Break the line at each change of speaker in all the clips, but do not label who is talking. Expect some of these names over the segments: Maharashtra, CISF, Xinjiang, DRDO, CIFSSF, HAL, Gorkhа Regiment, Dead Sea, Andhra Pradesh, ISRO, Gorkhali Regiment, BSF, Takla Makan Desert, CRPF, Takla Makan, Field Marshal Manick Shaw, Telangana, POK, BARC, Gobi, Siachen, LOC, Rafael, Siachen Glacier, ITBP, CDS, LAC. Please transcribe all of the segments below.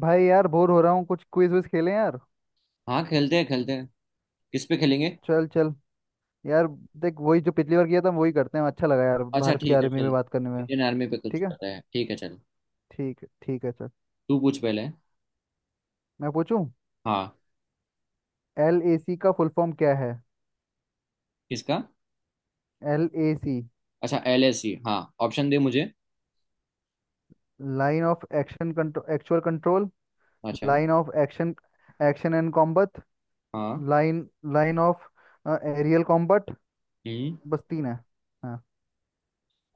भाई यार बोर हो रहा हूँ कुछ क्विज विज खेलें यार।
हाँ, खेलते हैं खेलते हैं। किस पे खेलेंगे?
चल चल यार। देख वही जो पिछली बार किया था वही करते हैं। अच्छा लगा यार
अच्छा,
भारत की
ठीक है
आर्मी में
चल।
बात करने में।
इंडियन आर्मी पे कुछ
ठीक है
पता है, ठीक है चल।
ठीक है ठीक है चल।
तू पूछ पहले।
मैं पूछूं।
हाँ।
एल ए सी का फुल फॉर्म क्या है?
किसका?
L A C.
अच्छा, एल एस सी, हाँ। ऑप्शन दे मुझे।
Line of action control actual control.
अच्छा।
Line of action. Action and combat.
हाँ।
Line line of aerial combat.
हम्म।
बस तीन है। हाँ।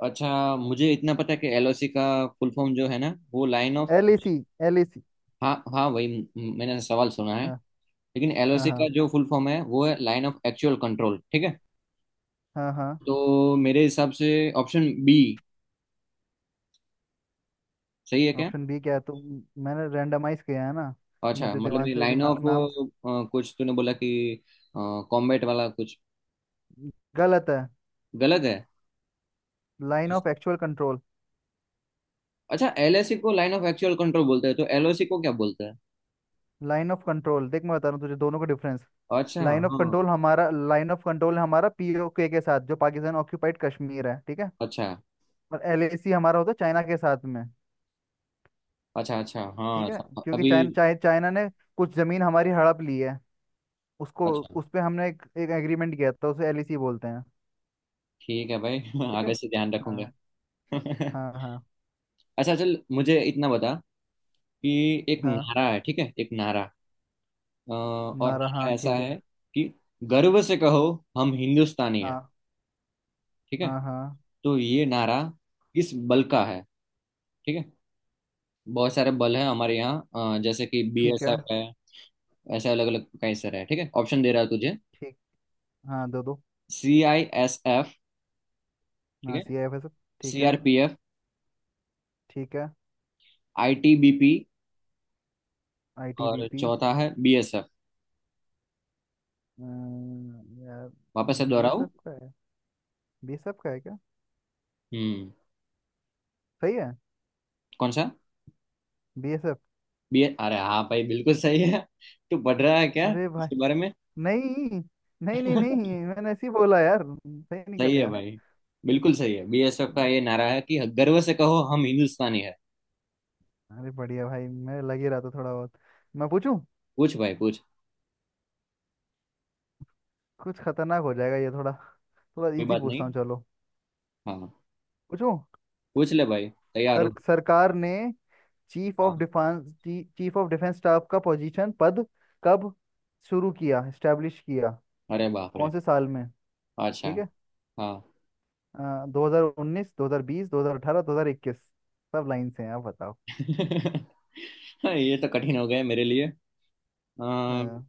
अच्छा, मुझे इतना पता है कि एल ओ सी का फुल फॉर्म जो है ना, वो line of.
L A C. L A C.
हाँ हाँ, वही। मैंने सवाल सुना है।
हाँ
लेकिन एल ओ
हाँ
सी का
हाँ
जो फुल फॉर्म है वो है लाइन ऑफ एक्चुअल कंट्रोल, ठीक है।
हाँ हाँ।
तो मेरे हिसाब से ऑप्शन बी सही है क्या?
ऑप्शन बी क्या है तो? मैंने रैंडमाइज किया है ना।
अच्छा,
मुझे
मतलब
दिमाग
ये
से
लाइन ऑफ
नाम
कुछ तूने बोला कि कॉम्बैट वाला कुछ।
गलत है।
गलत है।
Line of actual control.
अच्छा, एलएसी को लाइन ऑफ एक्चुअल कंट्रोल बोलते हैं तो एलओसी को क्या बोलते हैं?
Line of control. देख मैं बता रहा हूँ तुझे दोनों का डिफरेंस।
अच्छा। हाँ।
लाइन ऑफ कंट्रोल हमारा पीओके के साथ जो पाकिस्तान ऑक्यूपाइड कश्मीर है, ठीक है।
अच्छा
और एलएसी हमारा होता है चाइना के साथ में,
अच्छा, अच्छा हाँ।
ठीक है। क्योंकि
अभी।
चाइना ने कुछ जमीन हमारी हड़प ली है उसको।
अच्छा।
उस पे हमने एक एग्रीमेंट किया था, उसे एलएसी बोलते हैं।
ठीक है भाई
ठीक है।
आगे से ध्यान रखूंगा
हाँ हाँ हाँ
अच्छा चल, मुझे इतना बता कि एक
हाँ।
नारा है, ठीक है, एक नारा। और
नारा
नारा
हाँ
ऐसा
ठीक है।
है कि गर्व से कहो हम हिंदुस्तानी है।
हाँ
ठीक है।
हाँ हाँ।
तो ये नारा किस बल का है? ठीक है। बहुत सारे बल हैं हमारे यहाँ, जैसे कि
ठीक है।
बीएसएफ है। ऐसे अलग अलग कई सारे हैं, ठीक है। ऑप्शन दे रहा है तुझे।
ठीक। हाँ, दो दो।
सी आई एस एफ, ठीक
हाँ
है।
C I F S F. ठीक है।
सीआरपीएफ।
ठीक है।
आईटीबीपी।
आई टी बी
और
पी।
चौथा है बीएसएफ।
यार
वापस से
बी एस
दोहराऊं?
एफ का है। बी एस एफ का है क्या?
हम्म।
सही है।
कौन सा?
B S F.
बी। अरे हाँ भाई, बिल्कुल सही है। तू पढ़ रहा है क्या
अरे भाई।
इसके बारे में?
नहीं नहीं नहीं। नहीं मैंने ऐसे ही बोला यार, सही निकल
सही है
गया।
भाई, बिल्कुल सही है। बीएसएफ का ये नारा है कि गर्व से कहो हम हिंदुस्तानी है।
अरे बढ़िया भाई, मैं लग ही रहा था थोड़ा बहुत। मैं पूछूं।
पूछ भाई पूछ।
कुछ खतरनाक हो जाएगा ये। थोड़ा थोड़ा
कोई
इजी
बात नहीं।
पूछता हूँ चलो।
हाँ।
पूछूं।
पूछ ले भाई, तैयार
सर
हूँ।
सरकार ने चीफ ऑफ
हाँ।
Defence, chief of defence staff का पोजीशन पद कब शुरू किया, स्टैब्लिश किया,
अरे बाप रे।
कौन से साल में?
अच्छा।
ठीक है।
हाँ।
2019, 2020, 2018, 2021। सब लाइन से हैं, आप बताओ।
हाँ, ये तो कठिन हो गए मेरे लिए। आ,
अ,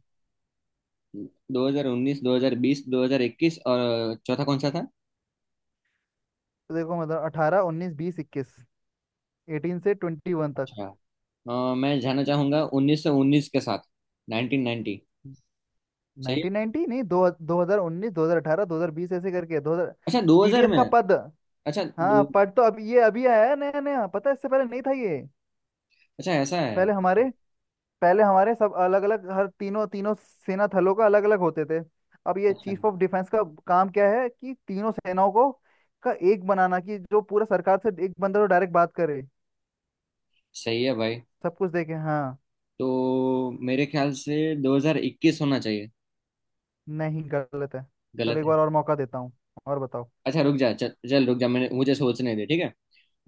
2019, 2020, 2021 और चौथा कौन सा था?
तो देखो मतलब 18, 19, 20, 21। 18 से 21 तक।
अच्छा। मैं जाना चाहूंगा 1919 के साथ। 1990। सही है?
1990 नहीं दो दो हजार उन्नीस, 2018, 2020, ऐसे करके 2000।
अच्छा, दो हजार
टीडीएस
में।
का पद।
अच्छा।
हाँ
दो।
पद तो अब ये अभी आया है नया नया, पता है, इससे पहले नहीं था ये।
अच्छा, ऐसा है।
पहले हमारे पहले हमारे सब अलग अलग, हर तीनों तीनों सेना थलों का अलग अलग होते थे। अब ये
अच्छा।
चीफ ऑफ डिफेंस का काम क्या है कि तीनों सेनाओं को का एक बनाना, कि जो पूरा सरकार से एक बंदा तो डायरेक्ट बात करे,
सही है भाई।
सब कुछ देखे। हाँ।
तो मेरे ख्याल से 2021 होना चाहिए।
नहीं गलत है। चलो
गलत
एक
है?
बार और मौका देता हूँ। और बताओ।
अच्छा रुक जा, चल चल रुक जा, मैंने मुझे सोचने दे, ठीक है।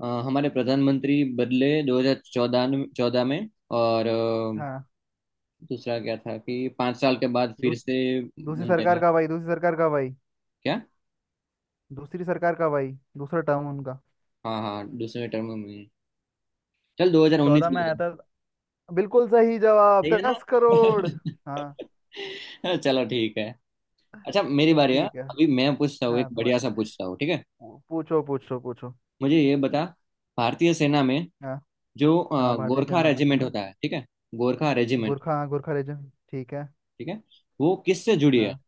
हमारे प्रधानमंत्री बदले 2014, चौदह में। और
हाँ
दूसरा क्या था कि 5 साल के बाद फिर
दू,
से
दूसरी
बनते
सरकार
हैं?
का भाई, दूसरी सरकार का भाई,
क्या?
दूसरी सरकार का भाई। दूसरा टर्म उनका।
हाँ हाँ, दूसरे टर्म में। चल 2019
2014 में
ले
आया
लेंगे।
था। बिल्कुल सही जवाब,
ठीक है
10 करोड़। हाँ।
ना। चलो ठीक है। अच्छा, मेरी बारी है
ठीक है।
अभी, मैं पूछता हूँ,
हाँ
एक बढ़िया
तुम्हारी।
सा पूछता हूँ, ठीक है।
पूछो पूछो पूछो।
मुझे ये बता, भारतीय सेना में
हाँ
जो
हाँ। भारतीय
गोरखा
सेना
रेजिमेंट
में।
होता है, ठीक है, गोरखा रेजिमेंट,
गोरखा, हाँ गोरखा रीजन, ठीक है।
ठीक है, वो किससे जुड़ी है?
हाँ।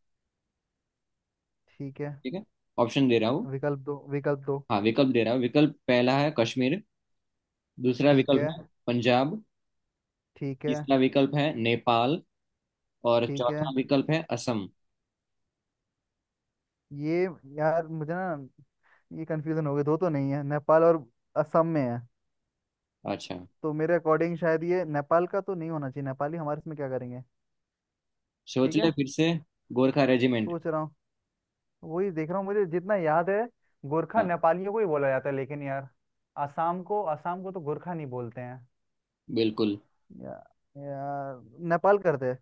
ठीक है।
ठीक है। ऑप्शन दे रहा हूँ।
विकल्प दो, विकल्प दो।
हाँ, विकल्प दे रहा हूँ। विकल्प पहला है कश्मीर, दूसरा
ठीक
विकल्प
है।
है पंजाब,
ठीक है।
तीसरा विकल्प है नेपाल, और
ठीक
चौथा
है।
विकल्प है असम।
ये यार मुझे ना ये कंफ्यूजन हो गई। दो तो नहीं है, नेपाल और असम में है।
अच्छा।
तो मेरे अकॉर्डिंग शायद ये नेपाल का तो नहीं होना चाहिए, नेपाली हमारे इसमें क्या करेंगे।
सोच
ठीक
ले
है।
फिर से। गोरखा रेजिमेंट।
सोच रहा हूँ। वही देख रहा हूँ, मुझे जितना याद है। गोरखा
हाँ,
नेपालियों को ही बोला जाता है, लेकिन यार असम को, असम को तो गोरखा नहीं बोलते हैं।
बिल्कुल
या, या, नेपाल करते हैं।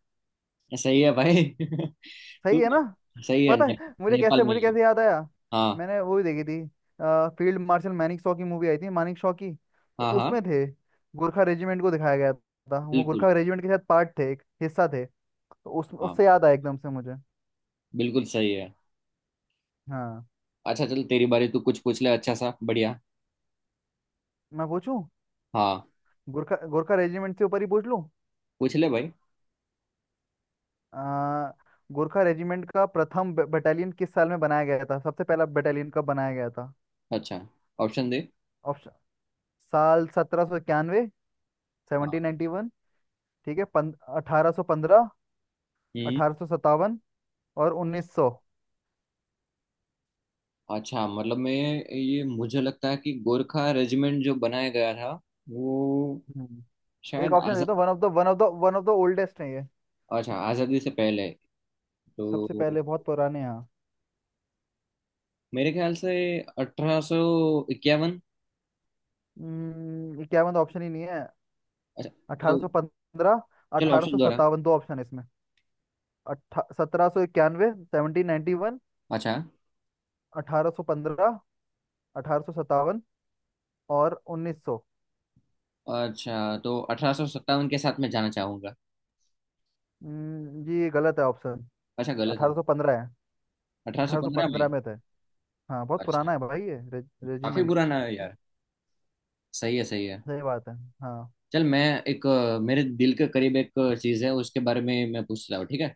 सही है भाई। तू
सही है ना।
सही है
पता
ने,
है मुझे
नेपाल
कैसे,
में ही।
याद आया?
हाँ
मैंने वो भी देखी थी। फील्ड मार्शल मैनिक शॉ की मूवी आई थी, मानिक शॉ की, तो
हाँ हाँ,
उसमें थे गोरखा रेजिमेंट को दिखाया गया था। वो
बिल्कुल।
गोरखा रेजिमेंट के साथ पार्ट थे, एक हिस्सा थे। तो उस
हाँ,
उससे याद आया एकदम से मुझे।
बिल्कुल सही है।
हाँ।
अच्छा चल, तेरी बारी, तू कुछ पूछ ले, अच्छा सा बढ़िया।
मैं पूछूं।
हाँ।
गोरखा गोरखा रेजिमेंट से ऊपर ही पूछ लूं।
पूछ ले भाई।
आ, गोरखा रेजिमेंट का प्रथम बटालियन किस साल में बनाया गया था? सबसे पहला बटालियन कब बनाया गया था?
अच्छा। ऑप्शन दे।
ऑप्शन। साल 1791,
हाँ।
1791। ठीक है। अठारह सौ पंद्रह।
हम्म।
1857। और 1900।
अच्छा मतलब मैं ये, मुझे लगता है कि गोरखा रेजिमेंट जो बनाया गया था वो
हम्म। एक
शायद
ऑप्शन दे
आजाद।
दो। वन ऑफ द ओल्डेस्ट है ये।
अच्छा, आज़ादी से पहले
सबसे
तो
पहले, बहुत पुराने हैं।
मेरे ख्याल से 1851।
क्या मतलब, ऑप्शन ही नहीं है।
अच्छा। तो
1815,
चलो ऑप्शन दोहरा।
1857 दो ऑप्शन है इसमें। अट्ठा सत्रह सौ इक्यानवे, सेवनटीन नाइन्टी वन।
अच्छा।
1815। अठारह सौ सत्तावन। और 1900।
अच्छा, तो 1857 के साथ मैं जाना चाहूंगा।
ये गलत है ऑप्शन।
अच्छा, गलत?
अठारह
नहीं?
सौ पंद्रह है।
अठारह सौ
अठारह सौ
पंद्रह में।
पंद्रह में थे। हाँ बहुत
अच्छा।
पुराना है भाई ये
काफी
रेजिमेंट।
पुराना है यार। सही है, सही है।
सही बात है। हाँ।
चल मैं एक, मेरे दिल के करीब एक चीज है उसके बारे में मैं पूछता हूँ, ठीक है।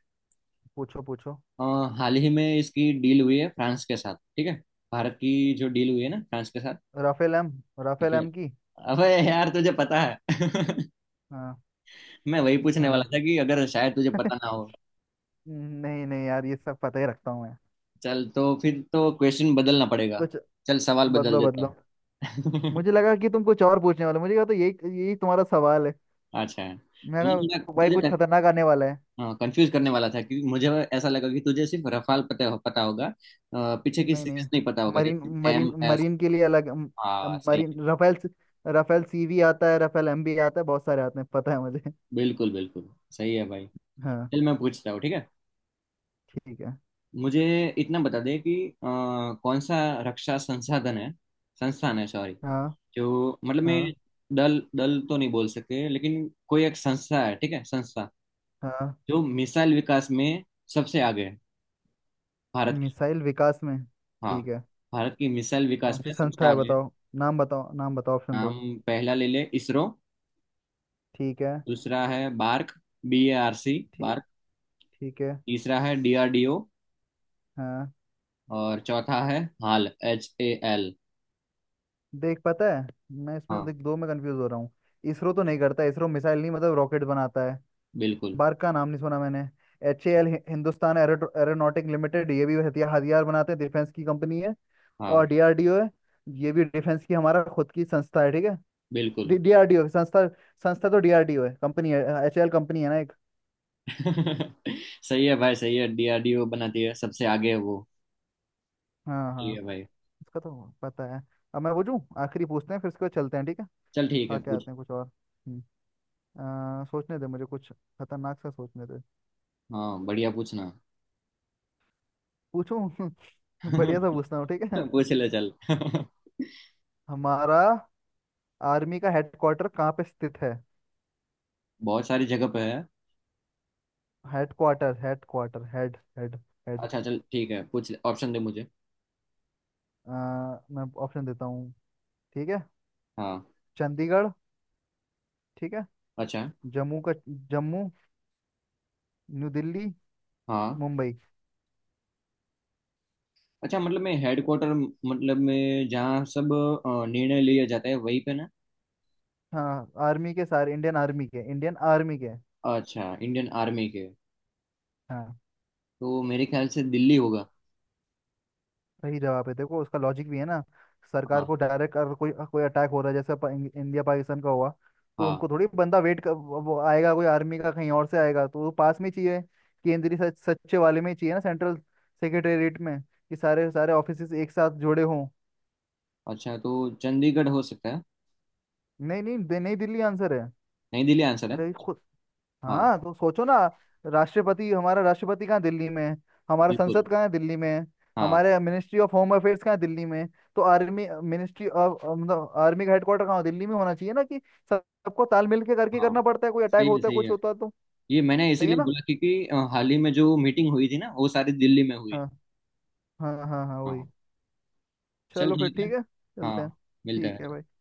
पूछो पूछो।
अ, हाल ही में इसकी डील हुई है फ्रांस के साथ, ठीक है। भारत की जो डील हुई है ना फ्रांस के साथ।
Rafale M. राफेल
फिर।
एम की।
अबे यार, तुझे पता है?
हाँ।
मैं वही पूछने वाला
हाँ
था कि अगर शायद तुझे पता ना हो।
नहीं नहीं यार, ये सब पता ही रखता हूँ मैं।
चल तो फिर तो क्वेश्चन बदलना पड़ेगा।
कुछ।
चल सवाल बदल
बदलो
देता
बदलो।
हूँ।
मुझे लगा कि तुम कुछ और पूछने वाले हो। मुझे कहा तो यही यही तुम्हारा सवाल है।
अच्छा है।
मैं
मैं थोड़ा
कहा भाई कुछ
तुझे
खतरनाक आने वाला है।
कंफ्यूज करने वाला था क्योंकि मुझे ऐसा लगा कि तुझे सिर्फ रफाल पता पता होगा, पीछे की
नहीं
सीरीज
नहीं।
नहीं पता होगा,
मरीन।
जैसे
मरीन
एम एस।
मरीन के लिए अलग
हाँ, सही
मरीन
है।
राफेल सीवी आता है, राफेल एमबी आता है, बहुत सारे आते हैं पता है मुझे
बिल्कुल बिल्कुल सही है भाई।
हाँ।
चल मैं पूछता हूँ, ठीक है।
ठीक है।
मुझे इतना बता दे कि अ, कौन सा रक्षा संसाधन है, संस्थान है सॉरी,
हाँ
जो, मतलब मैं
हाँ
दल दल तो नहीं बोल सकते, लेकिन कोई एक संस्था है, ठीक है, संस्था
हाँ।
जो मिसाइल विकास में सबसे आगे है, भारत की।
मिसाइल विकास में।
हाँ,
ठीक है।
भारत की मिसाइल
कौन
विकास
सी
में सबसे
संस्था है
आगे है।
बताओ? नाम बताओ, ऑप्शन
हम
दो।
पहला ले ले इसरो,
ठीक है।
दूसरा है BARC, B A R C,
ठीक।
बार्क,
ठीक है।
तीसरा है डी आर डी ओ,
हाँ।
और चौथा है हाल, एच ए एल।
देख पता है, मैं इसमें
हाँ।
देख दो में कंफ्यूज हो रहा हूँ। इसरो तो नहीं करता, इसरो मिसाइल नहीं मतलब रॉकेट बनाता है।
बिल्कुल।
बार्क का नाम नहीं सुना मैंने। H A L Hindustan aeronautic limited, ये भी हथियार हथियार बनाते हैं, डिफेंस की कंपनी है।
हाँ।
और डीआरडीओ है, ये भी डिफेंस की हमारा खुद की संस्था है, ठीक है।
बिल्कुल।
डीआरडीओ संस्था। संस्था तो डीआरडीओ है, कंपनी है एच ए एल, कंपनी है ना एक।
सही है भाई, सही है, डी आर डी ओ बनाती है, सबसे आगे है वो।
हाँ हाँ।
ठीक है भाई।
इसका तो पता है। अब मैं पूछूं आखिरी, पूछते हैं फिर उसके बाद चलते हैं ठीक है।
चल ठीक है,
आके
पूछ।
आते हैं कुछ और। हम्म, सोचने दे मुझे, कुछ खतरनाक सा सोचने दे।
हाँ, बढ़िया पूछना।
पूछूं बढ़िया सा पूछता हूँ ठीक है।
पूछ ले चल।
हमारा आर्मी का हेडक्वार्टर कहाँ पे स्थित है?
बहुत सारी जगह पे है।
Headquarter headquarter head head head.
अच्छा चल, ठीक है, पूछ ले, ऑप्शन दे मुझे।
अ, मैं ऑप्शन देता हूँ ठीक है।
हाँ।
चंडीगढ़। ठीक है।
अच्छा।
जम्मू का जम्मू। न्यू दिल्ली।
हाँ।
मुंबई।
अच्छा मतलब, मैं हेडक्वार्टर मतलब में जहाँ सब निर्णय लिए जाते हैं वहीं पे ना?
हाँ आर्मी के सारे, इंडियन आर्मी के।
अच्छा, इंडियन आर्मी के।
हाँ।
तो मेरे ख्याल से दिल्ली होगा।
सही जवाब है। देखो उसका लॉजिक भी है ना। सरकार
हाँ।
को डायरेक्ट अगर कोई कोई अटैक हो रहा है, जैसे इंडिया पाकिस्तान का हुआ, तो
हाँ।
उनको थोड़ी बंदा वेट कर, वो आएगा कोई आर्मी का कहीं और से आएगा, तो वो पास में ही चाहिए। केंद्रीय सच्चे वाले में ही चाहिए ना, सेंट्रल सेक्रेटेरिएट में, कि सारे सारे ऑफिस एक साथ जुड़े हों।
अच्छा, तो चंडीगढ़ हो सकता है?
नहीं नहीं नहीं दिल्ली आंसर है।
नई दिल्ली आंसर है।
अरे
हाँ।
हाँ तो सोचो ना। राष्ट्रपति कहाँ? दिल्ली में है। हमारा
बिल्कुल।
संसद कहाँ है? दिल्ली में है।
हाँ।
हमारे मिनिस्ट्री ऑफ होम अफेयर्स कहाँ है? दिल्ली में है। तो आर्मी मिनिस्ट्री ऑफ मतलब आर्मी का हेडक्वार्टर कहाँ हो? दिल्ली में होना चाहिए ना, कि सबको तालमेल के करके
हाँ।
करना पड़ता है, कोई अटैक
सही है,
होता है
सही
कुछ
है।
होता है तो।
ये मैंने
सही है
इसीलिए
ना।
बोला क्योंकि हाल ही में जो मीटिंग हुई थी ना वो सारी दिल्ली में हुई
हाँ
थी।
हाँ हाँ हाँ
हाँ।
वही।
चल
चलो फिर
ठीक है।
ठीक है, चलते हैं
हाँ। मिलते
ठीक है
हैं।
भाई।